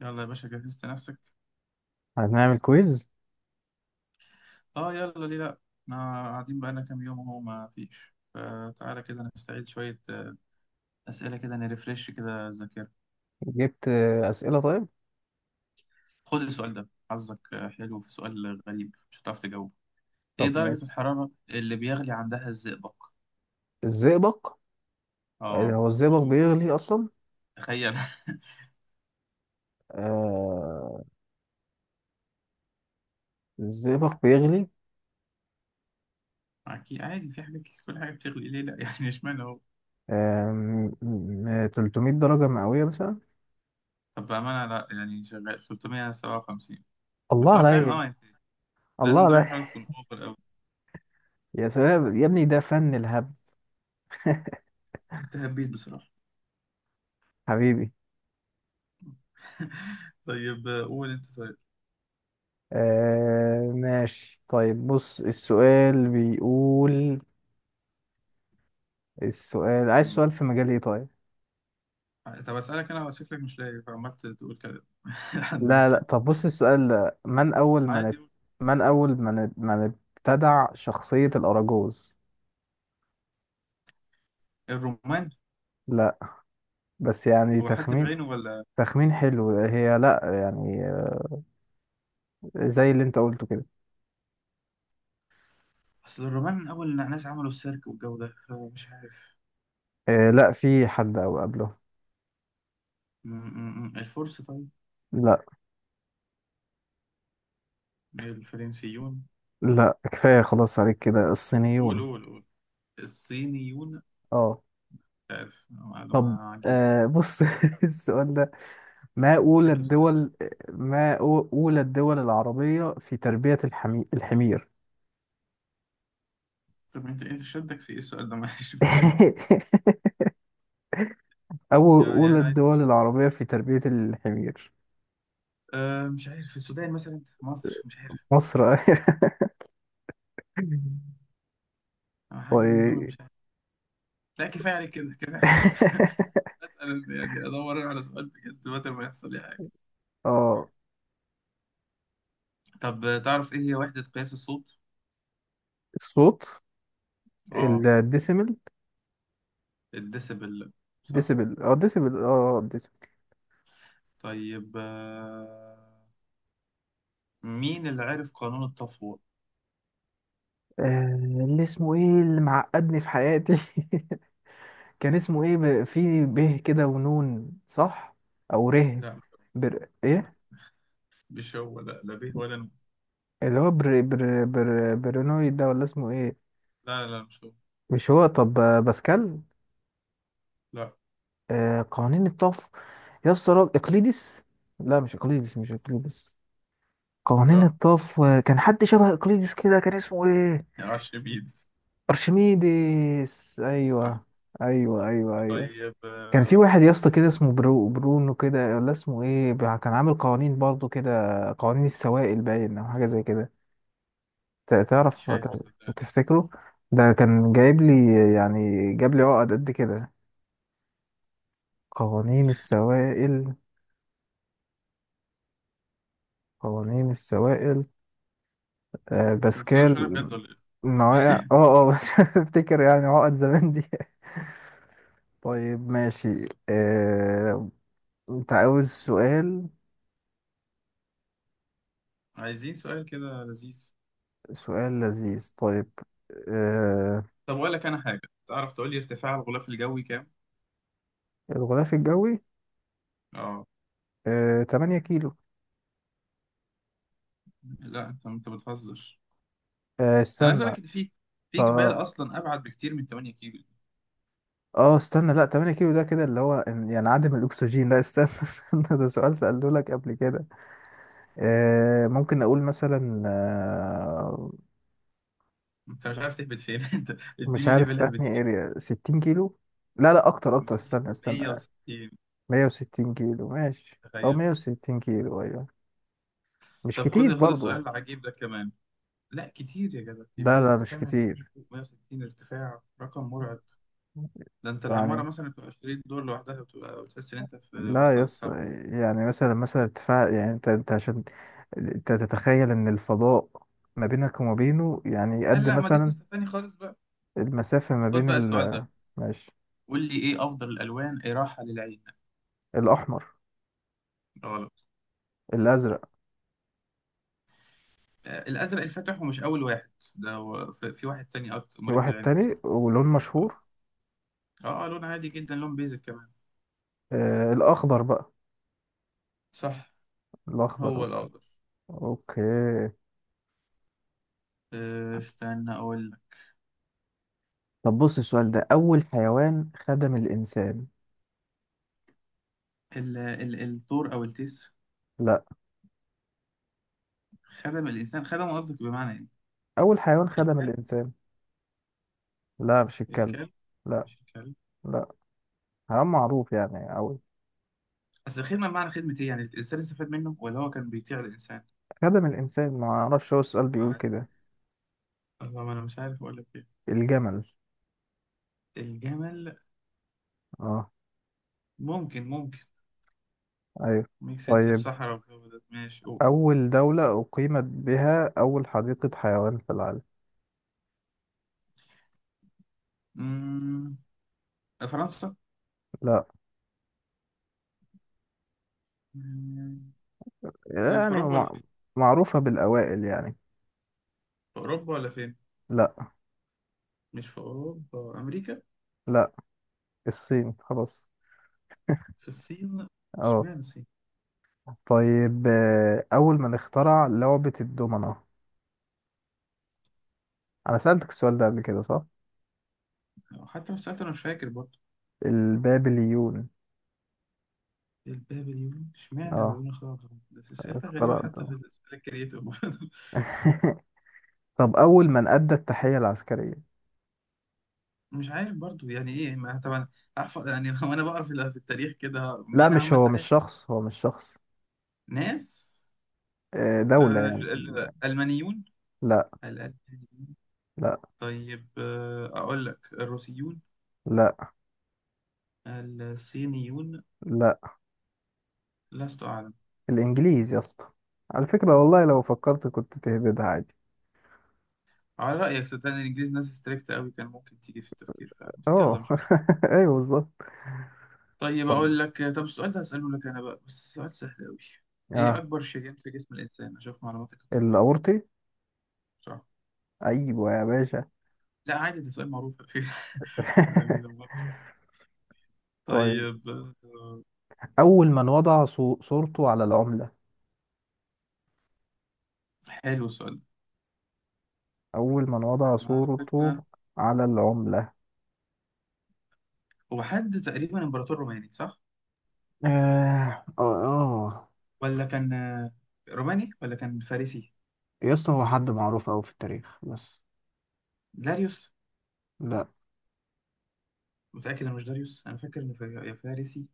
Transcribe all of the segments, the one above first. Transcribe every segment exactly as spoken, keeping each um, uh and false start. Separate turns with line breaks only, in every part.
يلا يا باشا، جهزت نفسك؟
هنعمل كويز.
اه يلا، ليه لا. احنا قاعدين بقالنا كام يوم اهو ما فيش، فتعالى كده نستعيد شوية آه، أسئلة كده، نرفرش كده الذاكرة.
جبت آه، أسئلة. طيب،
خد السؤال ده حظك. آه، حلو، في سؤال غريب مش هتعرف تجاوبه. ايه
طب
درجة
ماشي.
الحرارة اللي بيغلي عندها الزئبق؟
الزئبق؟ آه،
اه.
هو الزئبق
شوف،
بيغلي أصلا؟
تخيل
آه، الزئبق بيغلي.
أكيد عادي، في حاجات كتير كل حاجة بتغلي، ليه لأ يعني اشمعنى هو؟
آه م- م- ثلاثمية درجة مئوية مثلا.
طب بأمانة لأ، يعني شغال ثلاثمية وسبعة وخمسين. بس
الله
هو فعلا
عليا،
اه يعني
الله
لازم درجة
عليا.
الحرارة تكون أوفر أوي.
يا سلام يا ابني، ده فن الهبد.
انت هبيت بصراحة.
حبيبي.
طيب قول انت طيب.
آه ماشي، طيب بص السؤال بيقول. السؤال عايز
مم.
سؤال في مجال ايه؟ طيب.
طب اسالك انا؟ شكلك مش لاقي، فعمال تقول كلام لحد ما
لا لا،
تلاقي.
طب بص السؤال ده من أول من
عادي
ات...
قول.
من أول من ات... من ابتدع شخصية الأراجوز؟
الرومان.
لا، بس يعني
هو حد
تخمين.
بعينه ولا؟
تخمين حلو، هي لا يعني. زي اللي انت قلته كده.
اصل الرومان من اول الناس عملوا السيرك والجو ده، فمش عارف.
آه لا، في حد أو قبله.
م- م- م. الفرس؟ طيب
لا،
الفرنسيون.
لا كفاية خلاص عليك كده،
قول
الصينيون.
قول قول. الصينيون.
اه.
مش عارف، معلومة
طب
عجيبة.
آه بص، السؤال ده ما أولى
شكله سؤال ابن-
الدول ما أو- أولى الدول العربية في تربية الحمي... الحمير.
طب انت انت شدك في ايه السؤال ده معلش فاهمني.
أو-
يعني
أولى
انا عايز
الدول
أعرف.
العربية في تربية الحمير.
أه مش عارف، السودان مثلا، مصر، مش عارف.
مصر.
أه،
و...
حاجة من دول، مش عارف. لا كفايه عليك كده، كفايه حته انا يعني ادور أنا على سؤال بجد متى ما يحصل لي حاجه.
اه.
طب تعرف ايه هي وحده قياس الصوت؟
الصوت.
اه.
الديسيمل.
الديسبل. صح.
ديسيبل، اه ديسيبل، اه ديسيبل.
طيب، آه، مين اللي عرف قانون التفويض؟
آه، اللي اسمه ايه اللي معقدني في حياتي؟ كان اسمه ايه؟ ب... في ب كده ونون، صح؟ او ره.
لا
بر... ايه؟
مش هو، لا لا به ولا نو.
اللي هو بر... بر... بر... برينويد ده ولا اسمه ايه؟
لا لا لا مش هو.
مش هو. طب آه، باسكال.
لا
آه قوانين الطف. يا اسطى راجل- اقليدس. لا مش اقليدس، مش اقليدس. قوانين
لا
الطف. آه، كان حد شبه اقليدس كده، كان اسمه ايه؟
ارشميدس.
ارشميدس،
صح.
ايوه ايوه ايوه ايوه.
طيب،
كان في واحد يا اسطى
آه،
كده، اسمه برو برونو كده ولا اسمه ايه بقى؟ كان عامل قوانين برضه كده. قوانين السوائل باين، او حاجه زي كده. ت-
مش
تعرف، ت-
فاكر صدقني.
تفتكره؟ ده كان
لا
جايب لي، يعني جاب لي عقد قد كده. قوانين السوائل، قوانين السوائل. آه،
انت بتسألش عليا
باسكال.
بجد ولا
مواقع،
ايه؟
اه اه بس. افتكر يعني عقد زمان دي. طيب ماشي، آه، انت عاوز سؤال؟
عايزين سؤال كده لذيذ.
سؤال لذيذ، طيب. آه،
طب اقول لك انا حاجه، تعرف تقول لي ارتفاع الغلاف الجوي كام؟
الغلاف الجوي؟
اه.
آه، ثمانية كيلو.
لا انت انت بتهزر.
آه،
انا عايز اقول
استنى.
لك ان في في جبال
ط-
اصلا ابعد بكتير من ثمانية كيلو دي.
اه استنى، لا ثمانية كيلو ده كده اللي هو إن- يعني عدم الاكسجين. لا استنى، استنى، ده سؤال سألته لك قبل كده. آه، ممكن اقول مثلا آه،
انت مش عارف تهبط فين انت
مش
اديني
عارف
ليفل
في
هبت
انهي
فيه.
اريا. ستين كيلو. لا لا اكتر، اكتر. استنى، استنى.
مية وستين،
مية وستين كيلو؟ ماشي، او
تخيل.
مية وستين كيلو، ايوه. مش
طب
كتير
خد خد السؤال
برضو.
العجيب ده كمان. لا كتير يا جدع
لا
كبير،
لا
انت
مش
فاهم يعني.
كتير.
مائة وستين ارتفاع رقم مرعب. ده انت العماره
يعني
مثلا بتبقى عشرين دور لوحدها، بتبقى بتحس ان انت في
لا
واصله
يس.
للسما.
يعني مثلا، مثلا ارتفاع، يعني انت انت عشان انت تتخيل ان الفضاء ما بينك وما بينه، يعني
لا
قد
لا، ما دي
مثلا
قصه تانيه خالص بقى.
المسافة ما
خد
بين
بقى السؤال
ال...
ده،
ماشي.
قول لي ايه افضل الالوان اراحه للعين؟
الأحمر.
غلط.
الأزرق.
آه، الازرق الفاتح، ومش اول واحد ده، هو في في واحد تاني اكتر
في
مريح
واحد
للعين اكتر.
تاني ولون
اه.
مشهور؟
آه، لون عادي جدا، لون بيزك كمان.
آه الأخضر بقى.
صح،
الأخضر،
هو
أوكي.
الاخضر.
أوكي.
آه، استنى اقول لك.
طب بص السؤال ده، أول حيوان خدم الإنسان.
ال ال الثور او التيس.
لا.
خدم الانسان، خدم قصدك بمعنى ايه؟
أول حيوان خدم
الكلب.
الإنسان. لا مش الكلب.
الكلب.
لا.
مش الكلب؟
لا حيوان معروف يعني أوي.
اصل الخدمه بمعنى خدمه ايه؟ يعني الانسان استفاد منه، ولا هو كان بيطيع الانسان.
خدم الإنسان. ما أعرفش، هو السؤال بيقول
مع،
كده.
الله ما انا مش عارف اقول لك ايه.
الجمل.
الجمل.
اه.
ممكن، ممكن.
أيوه.
ميك سنس،
طيب،
الصحراء والجو ده، ماشي قول.
أول دولة أقيمت بها أول حديقة حيوان في العالم.
مم، فرنسا.
لا.
آه، في
يعني
أوروبا ولا
مع...
فين؟
معروفة بالأوائل يعني.
في أوروبا ولا فين؟
لا.
مش في أوروبا، أمريكا.
لا، الصين خلاص.
في الصين؟
اه.
اشمعنى الصين؟
طيب آه، أول من اخترع لعبة الدومنة؟ أنا سألتك السؤال ده قبل كده، صح؟
حتى لو سألت أنا مش فاكر برضه.
البابليون.
البابليون؟ اشمعنى
اه،
البابليون اخترعوا الحروف؟ بس أسئلة غريبة
اخترع
حتى في
الدومنة.
الأسئلة الكريتيف برضه.
طب أول من أدى التحية العسكرية.
مش عارف برضه، يعني إيه؟ ما طبعا عارف يعني وأنا بقرا في في التاريخ كده
لا
مين
مش
عمل
هو،
تحت،
مش شخص، هو مش شخص.
ناس.
آه، دولة
آه،
يعني.
ال- ال- الألمانيون.
لا.
الألمانيون.
لا.
طيب، آه، أقول لك الروسيون.
لا.
الصينيون.
لا،
لست أعلم.
الإنجليز يا اسطى. على فكرة والله، لو فكرت كنت تهبدها عادي.
على رأيك صدقني الإنجليز ناس ستريكت أوي، كان ممكن تيجي في التفكير فعلا، بس
اه.
يلا مش مشكلة.
ايوه بالظبط.
طيب
طب
أقول لك، طب السؤال ده هسأله لك أنا بقى، بس سؤال سهل أوي. إيه
اه،
أكبر شريان في جسم الإنسان؟ أشوف معلوماتك الطبية.
الأورطي.
صح.
ايوه يا باشا.
لا عادي ده سؤال معروف على فكرة. يعني لو مرة.
طيب،
طيب، آه،
أول من وضع صو- صورته على العملة.
حلو السؤال ده.
أول من وضع
أنا على فكرة،
صورته على العملة.
هو حد تقريبا إمبراطور روماني صح؟
اه، اه، آه.
ولا كان آه، روماني ولا كان فارسي؟
يا اسطى هو حد معروف أوي في التاريخ بس.
داريوس.
لا.
متأكد إنه مش داريوس؟ أنا فاكر إنه فا- يا فارسي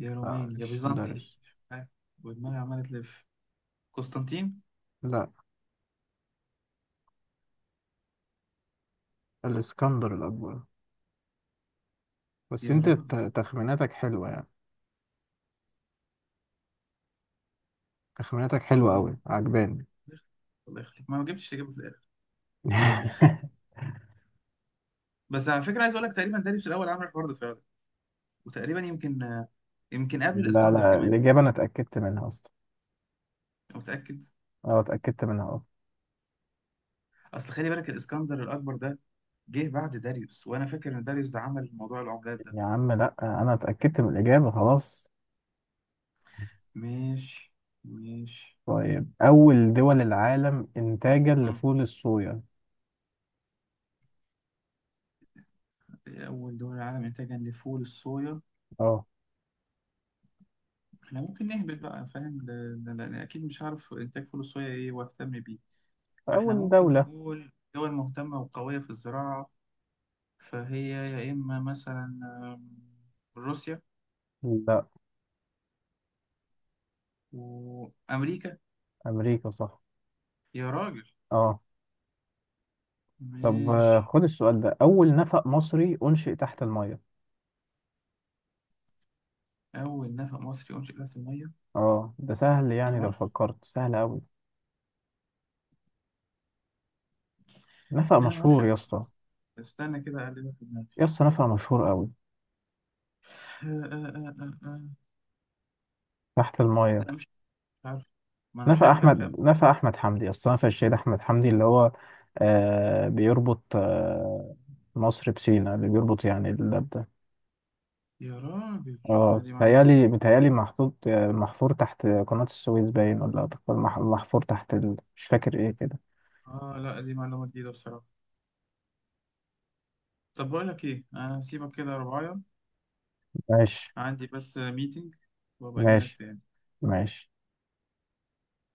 يا روماني يا
مش
بيزنطي.
درج.
ها، ودماغي عمالة تلف. قسطنطين.
لا. الاسكندر الأكبر. بس
يا
أنت
راجل.
ت- تخميناتك حلوة يعني. تخميناتك حلوة
طيب،
أوي، عجباني.
الله يخليك، ما ما جبتش تجيبه في الاخر. بس على فكره عايز اقول لك تقريبا داريوس الاول عمل الحوار ده فعلا. وتقريبا يمكن، آه، يمكن قبل
لا
الاسكندر
لا،
كمان.
الإجابة أنا اتأكدت منها أصلا.
انا متاكد.
أه اتأكدت منها، أه.
اصل خلي بالك الاسكندر الاكبر ده جه بعد داريوس، وانا فاكر ان داريوس ده عمل موضوع العملات ده.
يا عم لا، أنا اتأكدت من الإجابة خلاص.
مش مش.
طيب أول دول العالم إنتاجا
مم.
لفول الصويا.
اول دول العالم انتاجا لفول الصويا.
أه.
احنا ممكن نهبط بقى فاهم ده- ده- ده- اكيد مش عارف انتاج فول الصويا ايه واهتم بيه. فإحنا
أول
ممكن
دولة.
نقول دول مهتمة وقوية في الزراعة. فهي يا إما مثلا، آم، روسيا
لا.
وأمريكا.
أمريكا صح.
يا راجل.
أه. طب آه،
ماشي.
خد السؤال ده، أول نفق مصري أنشئ تحت المية.
أول نفق مصري أنشئ تحت المية.
أه ده سهل،
أنا
يعني لو
معرفش،
فكرت سهل أوي. نفق
أنا معرفش
مشهور يا
أنفق
اسطى.
مصري؟ استنى كده أقلبها في دماغي.
يا اسطى نفق مشهور قوي.
آه، آه، آه، آه، آه.
تحت المايه.
لا مش مش عارف. ما أنا مش
نفق
عارف أنفق.
احمد، نفق احمد حمدي، اصلا نفق الشهيد احمد حمدي اللي هو آه بيربط آه مصر بسينا، اللي بيربط يعني الباب ده.
يا راجل. لا
اه
دي معلومة
متهيألي،
جديدة.
متهيألي محطوط، آه، محفور تحت قناة السويس باين، ولا محفور تحت ال... مش فاكر ايه كده.
آه لا دي معلومة جديدة بصراحة. طب بقول لك إيه، أنا هسيبك كده يا رباية.
ماشي.
عندي بس ميتنج، وأبقى أجيلك
ماشي.
تاني.
ماشي.